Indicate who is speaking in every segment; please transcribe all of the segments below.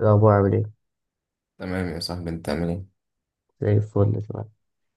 Speaker 1: إيه الأخبار عامل إيه؟
Speaker 2: تمام يا صاحبي، انت عامل ايه؟
Speaker 1: زي الفل تمام.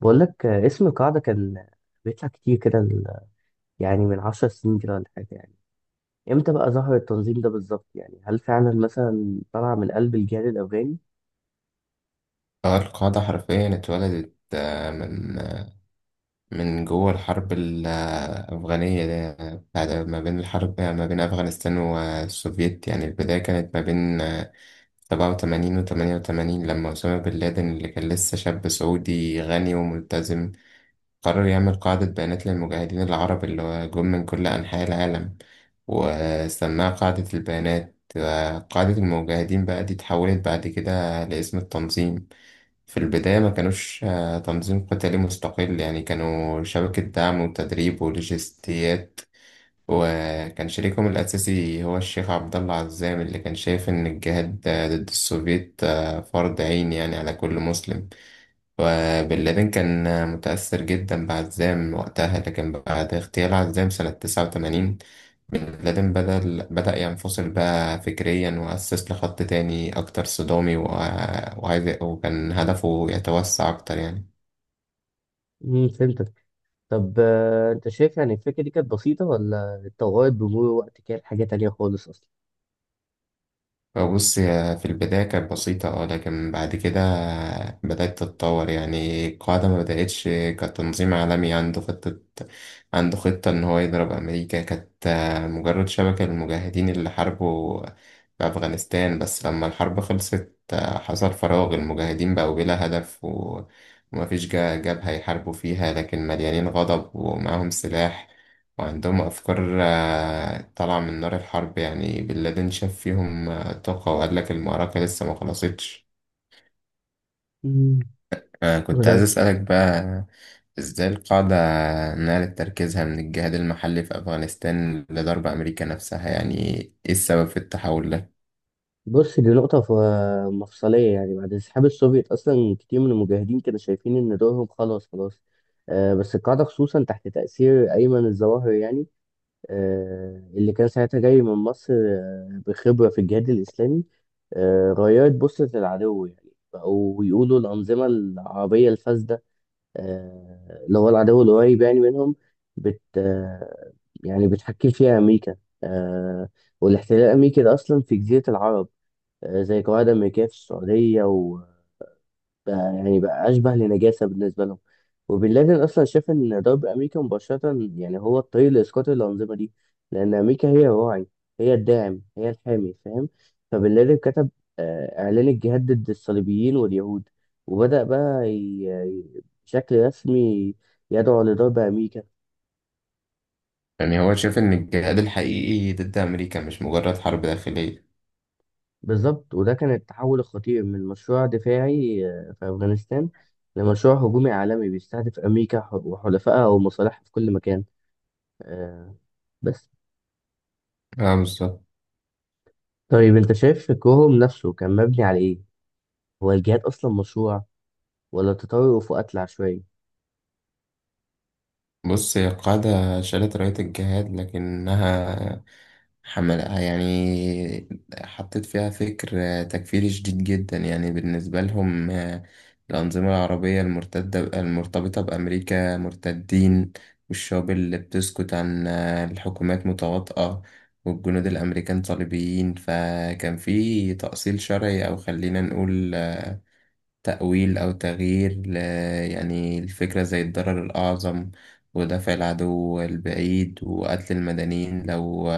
Speaker 1: بقول لك اسم القاعدة كان بيطلع كتير كده يعني من 10 سنين كده ولا حاجة يعني. إمتى بقى ظهر التنظيم ده بالظبط؟ يعني هل فعلا مثلا طلع من قلب الجهاد الأفغاني؟
Speaker 2: اه القاعدة حرفيا اتولدت، من جوه الحرب الأفغانية دي، بعد ما بين أفغانستان والسوفيت. يعني البداية كانت ما بين 87 وتمانية وتمانين، لما أسامة بن لادن اللي كان لسه شاب سعودي غني وملتزم قرر يعمل قاعدة بيانات للمجاهدين العرب اللي هو جم من كل أنحاء العالم، وسماها قاعدة البيانات. قاعدة المجاهدين بقى دي اتحولت بعد كده لاسم التنظيم. في البداية ما كانوش تنظيم قتالي مستقل، يعني كانوا شبكة دعم وتدريب ولوجستيات. وكان شريكهم الأساسي هو الشيخ عبد الله عزام، اللي كان شايف إن الجهاد ضد السوفيت فرض عين يعني على كل مسلم. وبن لادن كان متأثر جدا بعزام وقتها، لكن بعد اغتيال عزام سنة 89، بن لادن بدأ ينفصل بقى فكريا، وأسس لخط تاني أكتر صدامي، وعايز، وكان هدفه يتوسع أكتر يعني.
Speaker 1: فهمتك. طب أنت شايف يعني الفكرة دي كانت بسيطة ولا اتطورت بمرور الوقت كده لحاجة تانية خالص أصلا؟
Speaker 2: بص، هي في البداية كانت بسيطة، اه، لكن بعد كده بدأت تتطور. يعني القاعدة ما بدأتش كتنظيم عالمي عنده خطة إن هو يضرب أمريكا. كانت مجرد شبكة للمجاهدين اللي حاربوا في أفغانستان، بس لما الحرب خلصت حصل فراغ. المجاهدين بقوا بلا هدف ومفيش جبهة يحاربوا فيها، لكن مليانين غضب ومعاهم سلاح وعندهم أفكار طالعة من نار الحرب. يعني بن لادن شاف فيهم الطاقة وقال لك المعركة لسه ما خلصتش.
Speaker 1: امم.
Speaker 2: آه، كنت عايز أسألك بقى، إزاي القاعدة نقلت تركيزها من الجهاد المحلي في أفغانستان لضرب أمريكا نفسها؟ يعني إيه السبب في التحول ده؟
Speaker 1: بص دي نقطة مفصلية. يعني بعد انسحاب السوفيت أصلا كتير من المجاهدين كانوا شايفين إن دورهم خلاص خلاص. بس القاعدة خصوصا تحت تأثير أيمن الظواهر، يعني اللي كان ساعتها جاي من مصر بخبرة في الجهاد الإسلامي، غيرت بصة العدو. يعني بقوا يقولوا الأنظمة العربية الفاسدة، اللي هو العدو القريب يعني منهم، بت آه يعني بتحكم فيها أمريكا، آه والاحتلال الأمريكي ده أصلا في جزيرة العرب، زي قواعد أمريكية في السعودية. وبقى يعني بقى أشبه لنجاسة بالنسبة لهم. وبن لادن أصلا شاف إن ضرب أمريكا مباشرة يعني هو الطريق لإسقاط الأنظمة دي، لأن أمريكا هي الراعي، هي الداعم، هي الحامي، فاهم؟ فبن لادن كتب إعلان الجهاد ضد الصليبيين واليهود، وبدأ بقى بشكل رسمي يدعو لضرب أمريكا.
Speaker 2: يعني هو شاف إن الجهاد الحقيقي ضد أمريكا مش مجرد حرب داخلية.
Speaker 1: بالظبط، وده كان التحول الخطير من مشروع دفاعي في أفغانستان لمشروع هجومي عالمي بيستهدف أمريكا وحلفائها ومصالحها في كل مكان. آه، بس
Speaker 2: اه، بالظبط.
Speaker 1: طيب أنت شايف فكرهم نفسه كان مبني على إيه؟ هو الجهاد أصلا مشروع ولا تطرف وقتل عشوائي؟
Speaker 2: بص، هي القاعدة شالت راية الجهاد، لكنها حملها يعني، حطت فيها فكر تكفيري شديد جدا. يعني بالنسبة لهم، الأنظمة العربية المرتدة المرتبطة بأمريكا مرتدين، والشعوب اللي بتسكت عن الحكومات متواطئة، والجنود الأمريكان صليبيين. فكان في تأصيل شرعي، أو خلينا نقول تأويل أو تغيير يعني الفكرة زي الضرر الأعظم ودفع العدو البعيد وقتل المدنيين، لو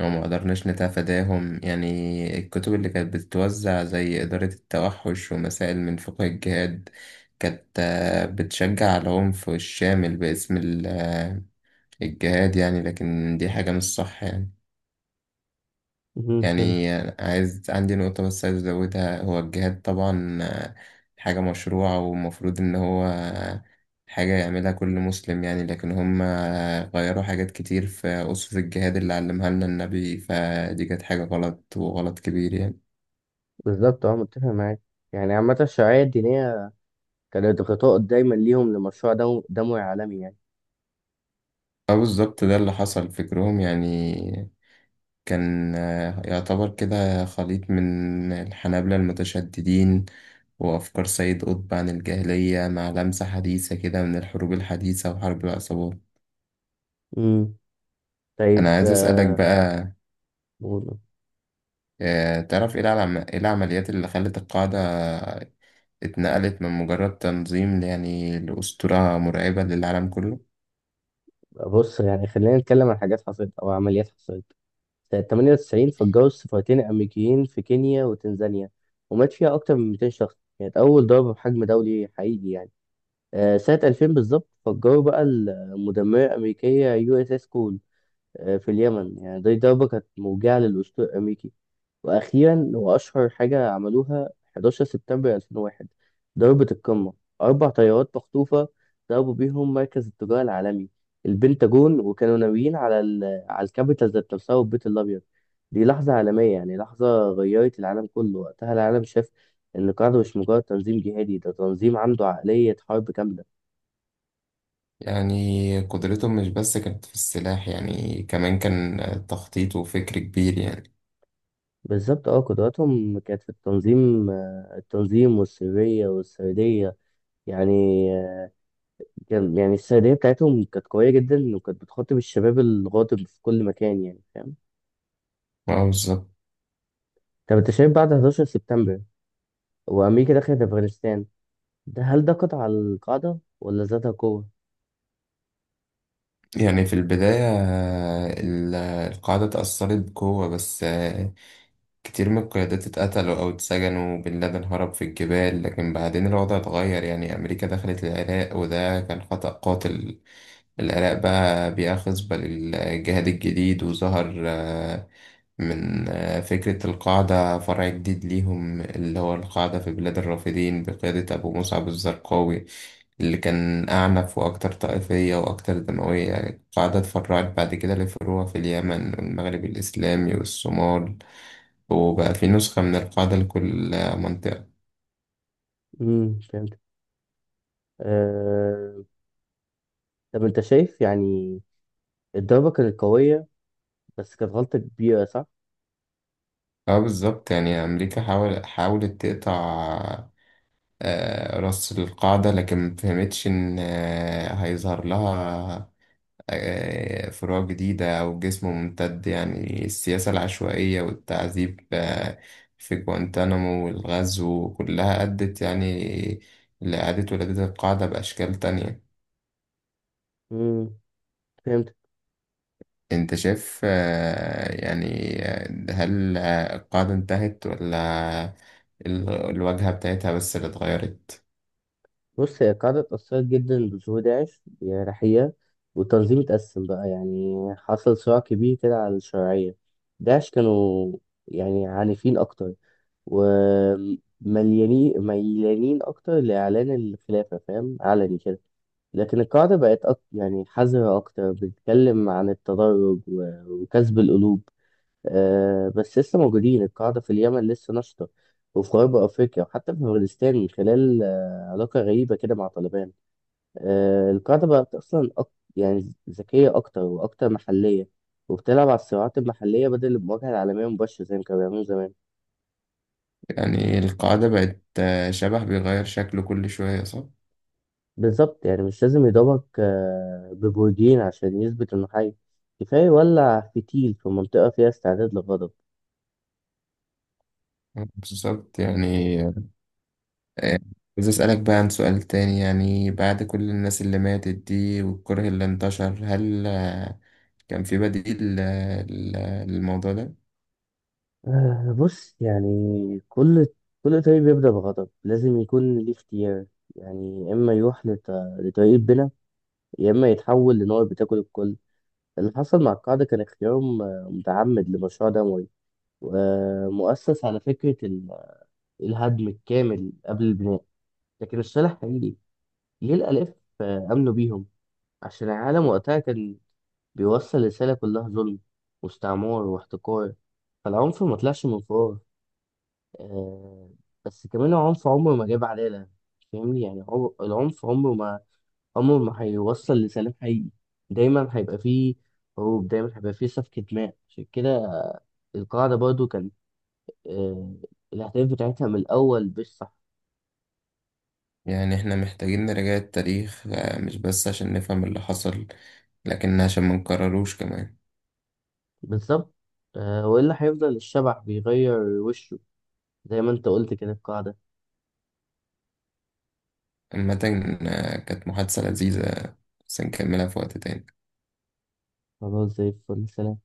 Speaker 2: ما قدرناش نتفاداهم. يعني الكتب اللي كانت بتتوزع زي إدارة التوحش ومسائل من فقه الجهاد كانت بتشجع على العنف الشامل باسم الجهاد يعني، لكن دي حاجة مش صح يعني.
Speaker 1: مهم، فهمت.
Speaker 2: يعني عايز، عندي نقطة بس عايز أزودها: هو الجهاد طبعا حاجة مشروعة، ومفروض إن هو حاجة يعملها كل مسلم يعني، لكن هم غيروا حاجات كتير في أسس الجهاد اللي علمها لنا النبي، فدي كانت حاجة غلط، وغلط كبير يعني.
Speaker 1: بالظبط، أه، متفق معاك. يعني عامة الشرعية الدينية كانت غطاء دايما ليهم لمشروع دموي عالمي يعني.
Speaker 2: اه بالظبط، ده اللي حصل. فكرهم يعني كان يعتبر كده خليط من الحنابلة المتشددين وأفكار سيد قطب عن الجاهلية، مع لمسة حديثة كده من الحروب الحديثة وحرب العصابات.
Speaker 1: مم. طيب
Speaker 2: أنا عايز أسألك بقى، تعرف إيه إيه العمليات اللي خلت القاعدة اتنقلت من مجرد تنظيم يعني لأسطورة مرعبة للعالم كله؟
Speaker 1: بص يعني خلينا نتكلم عن حاجات حصلت أو عمليات حصلت. سنة 98 فجروا السفارتين الأمريكيين في كينيا وتنزانيا، ومات فيها أكتر من 200 شخص. كانت أول ضربة بحجم دولي حقيقي يعني. سنة 2000 بالظبط فجروا بقى المدمرة الأمريكية يو اس اس كول في اليمن. يعني دي ضربة كانت موجعة للأسطول الأمريكي. واخيرا هو اشهر حاجه عملوها، 11 سبتمبر 2001، ضربه القمه. اربع طيارات مخطوفه ضربوا بيهم مركز التجاره العالمي، البنتاجون، وكانوا ناويين على ال على الكابيتال ذات نفسها والبيت الابيض. دي لحظه عالميه، يعني لحظه غيرت العالم كله. وقتها العالم شاف ان القاعده مش مجرد تنظيم جهادي، ده تنظيم عنده عقليه حرب كامله.
Speaker 2: يعني قدرتهم مش بس كانت في السلاح، يعني كمان كان تخطيط وفكر كبير يعني.
Speaker 1: بالظبط، اه، قدراتهم كانت في التنظيم، التنظيم والسريه والسرديه يعني. كان يعني السرديه بتاعتهم كانت قويه جدا، وكانت بتخاطب الشباب الغاضب في كل مكان يعني، فاهم؟
Speaker 2: اه بالظبط.
Speaker 1: طب انت شايف بعد 11 سبتمبر وامريكا دخلت افغانستان، ده هل ده قطع على القاعده ولا زادها قوه؟
Speaker 2: يعني في البداية القاعدة اتأثرت بقوة، بس كتير من القيادات اتقتلوا أو اتسجنوا، وبن لادن هرب في الجبال. لكن بعدين الوضع اتغير، يعني أمريكا دخلت العراق، وده كان خطأ قاتل. العراق بقى بيئة خصبة للجهاد الجديد، وظهر من فكرة القاعدة فرع جديد ليهم، اللي هو القاعدة في بلاد الرافدين بقيادة أبو مصعب الزرقاوي، اللي كان أعنف وأكتر طائفية وأكتر دموية. القاعدة اتفرعت بعد كده لفروع في اليمن والمغرب الإسلامي والصومال، وبقى في نسخة من القاعدة لكل منطقة.
Speaker 1: فهمت. أه... طب انت شايف يعني الضربه كانت قويه بس كانت غلطه كبيره، صح؟
Speaker 2: اه بالظبط، يعني أمريكا حاولت تقطع راس القاعدة، لكن مفهمتش إن هيظهر لها فروع جديدة أو جسم ممتد. يعني السياسة العشوائية والتعذيب في جوانتانامو والغزو، كلها أدت يعني لإعادة ولادة القاعدة بأشكال تانية.
Speaker 1: امم
Speaker 2: أنت شايف، يعني هل القاعدة انتهت، ولا الواجهة بتاعتها بس اللي اتغيرت؟
Speaker 1: بص هي القاعدة اتأثرت جدا بظهور داعش بجراحية، والتنظيم اتقسم بقى. يعني حصل صراع كبير كده على الشرعية. داعش كانوا يعني عنيفين أكتر، ومليانين أكتر لإعلان الخلافة، فاهم؟ علني كده. لكن القاعدة بقت أك... يعني حذرة أكتر، بتتكلم عن التدرج و... وكسب القلوب. بس لسه موجودين. القاعدة في اليمن لسه نشطة، وفي غرب أفريقيا، وحتى في أفغانستان من خلال علاقة غريبة كده مع طالبان. القاعدة بقت أصلا أك... يعني ذكية أكتر وأكتر محلية، وبتلعب على الصراعات المحلية بدل المواجهة العالمية مباشرة زي ما كانوا بيعملوا زمان.
Speaker 2: يعني القاعدة بقت شبح بيغير شكله كل شوية، صح؟
Speaker 1: بالظبط. يعني مش لازم يضربك ببرجين عشان يثبت إنه حي. كفاية يولع فتيل في منطقة فيها استعداد للغضب.
Speaker 2: بالظبط. يعني آه، عايز أسألك بقى عن سؤال تاني: يعني بعد كل الناس اللي ماتت دي والكره اللي انتشر، هل كان في بديل للموضوع ده؟
Speaker 1: بص يعني كل كل طريق بيبدأ بغضب لازم يكون ليه اختيار. يعني يا إما يروح لطريق البنا، يا إما يتحول لنار بتاكل الكل. اللي حصل مع القاعدة كان اختيارهم متعمد لمشروع دموي، ومؤسس على فكرة الهدم الكامل قبل البناء. لكن الصالح حقيقي ليه الآلاف آمنوا بيهم عشان العالم وقتها كان بيوصل رسالة كلها ظلم واستعمار واحتقار. فالعنف ما طلعش من فراغ، آه، بس كمان العنف عمره ما جاب عدالة. فاهمني؟ يعني العنف عمره ما هيوصل لسلام حقيقي. دايما هيبقى فيه حروب، دايما هيبقى فيه سفكة دماء. عشان كده القاعدة برضو كانت آه، الأهداف بتاعتها من الأول مش صح.
Speaker 2: يعني احنا محتاجين نراجع التاريخ، مش بس عشان نفهم اللي حصل، لكن عشان ما نكرروش كمان.
Speaker 1: بالظبط، وإلا هيفضل الشبح بيغير وشه زي ما أنت قلت كده القاعدة.
Speaker 2: عامة، كانت محادثة لذيذة، بس نكملها في وقت تاني.
Speaker 1: خلاص زي الفل، سلام.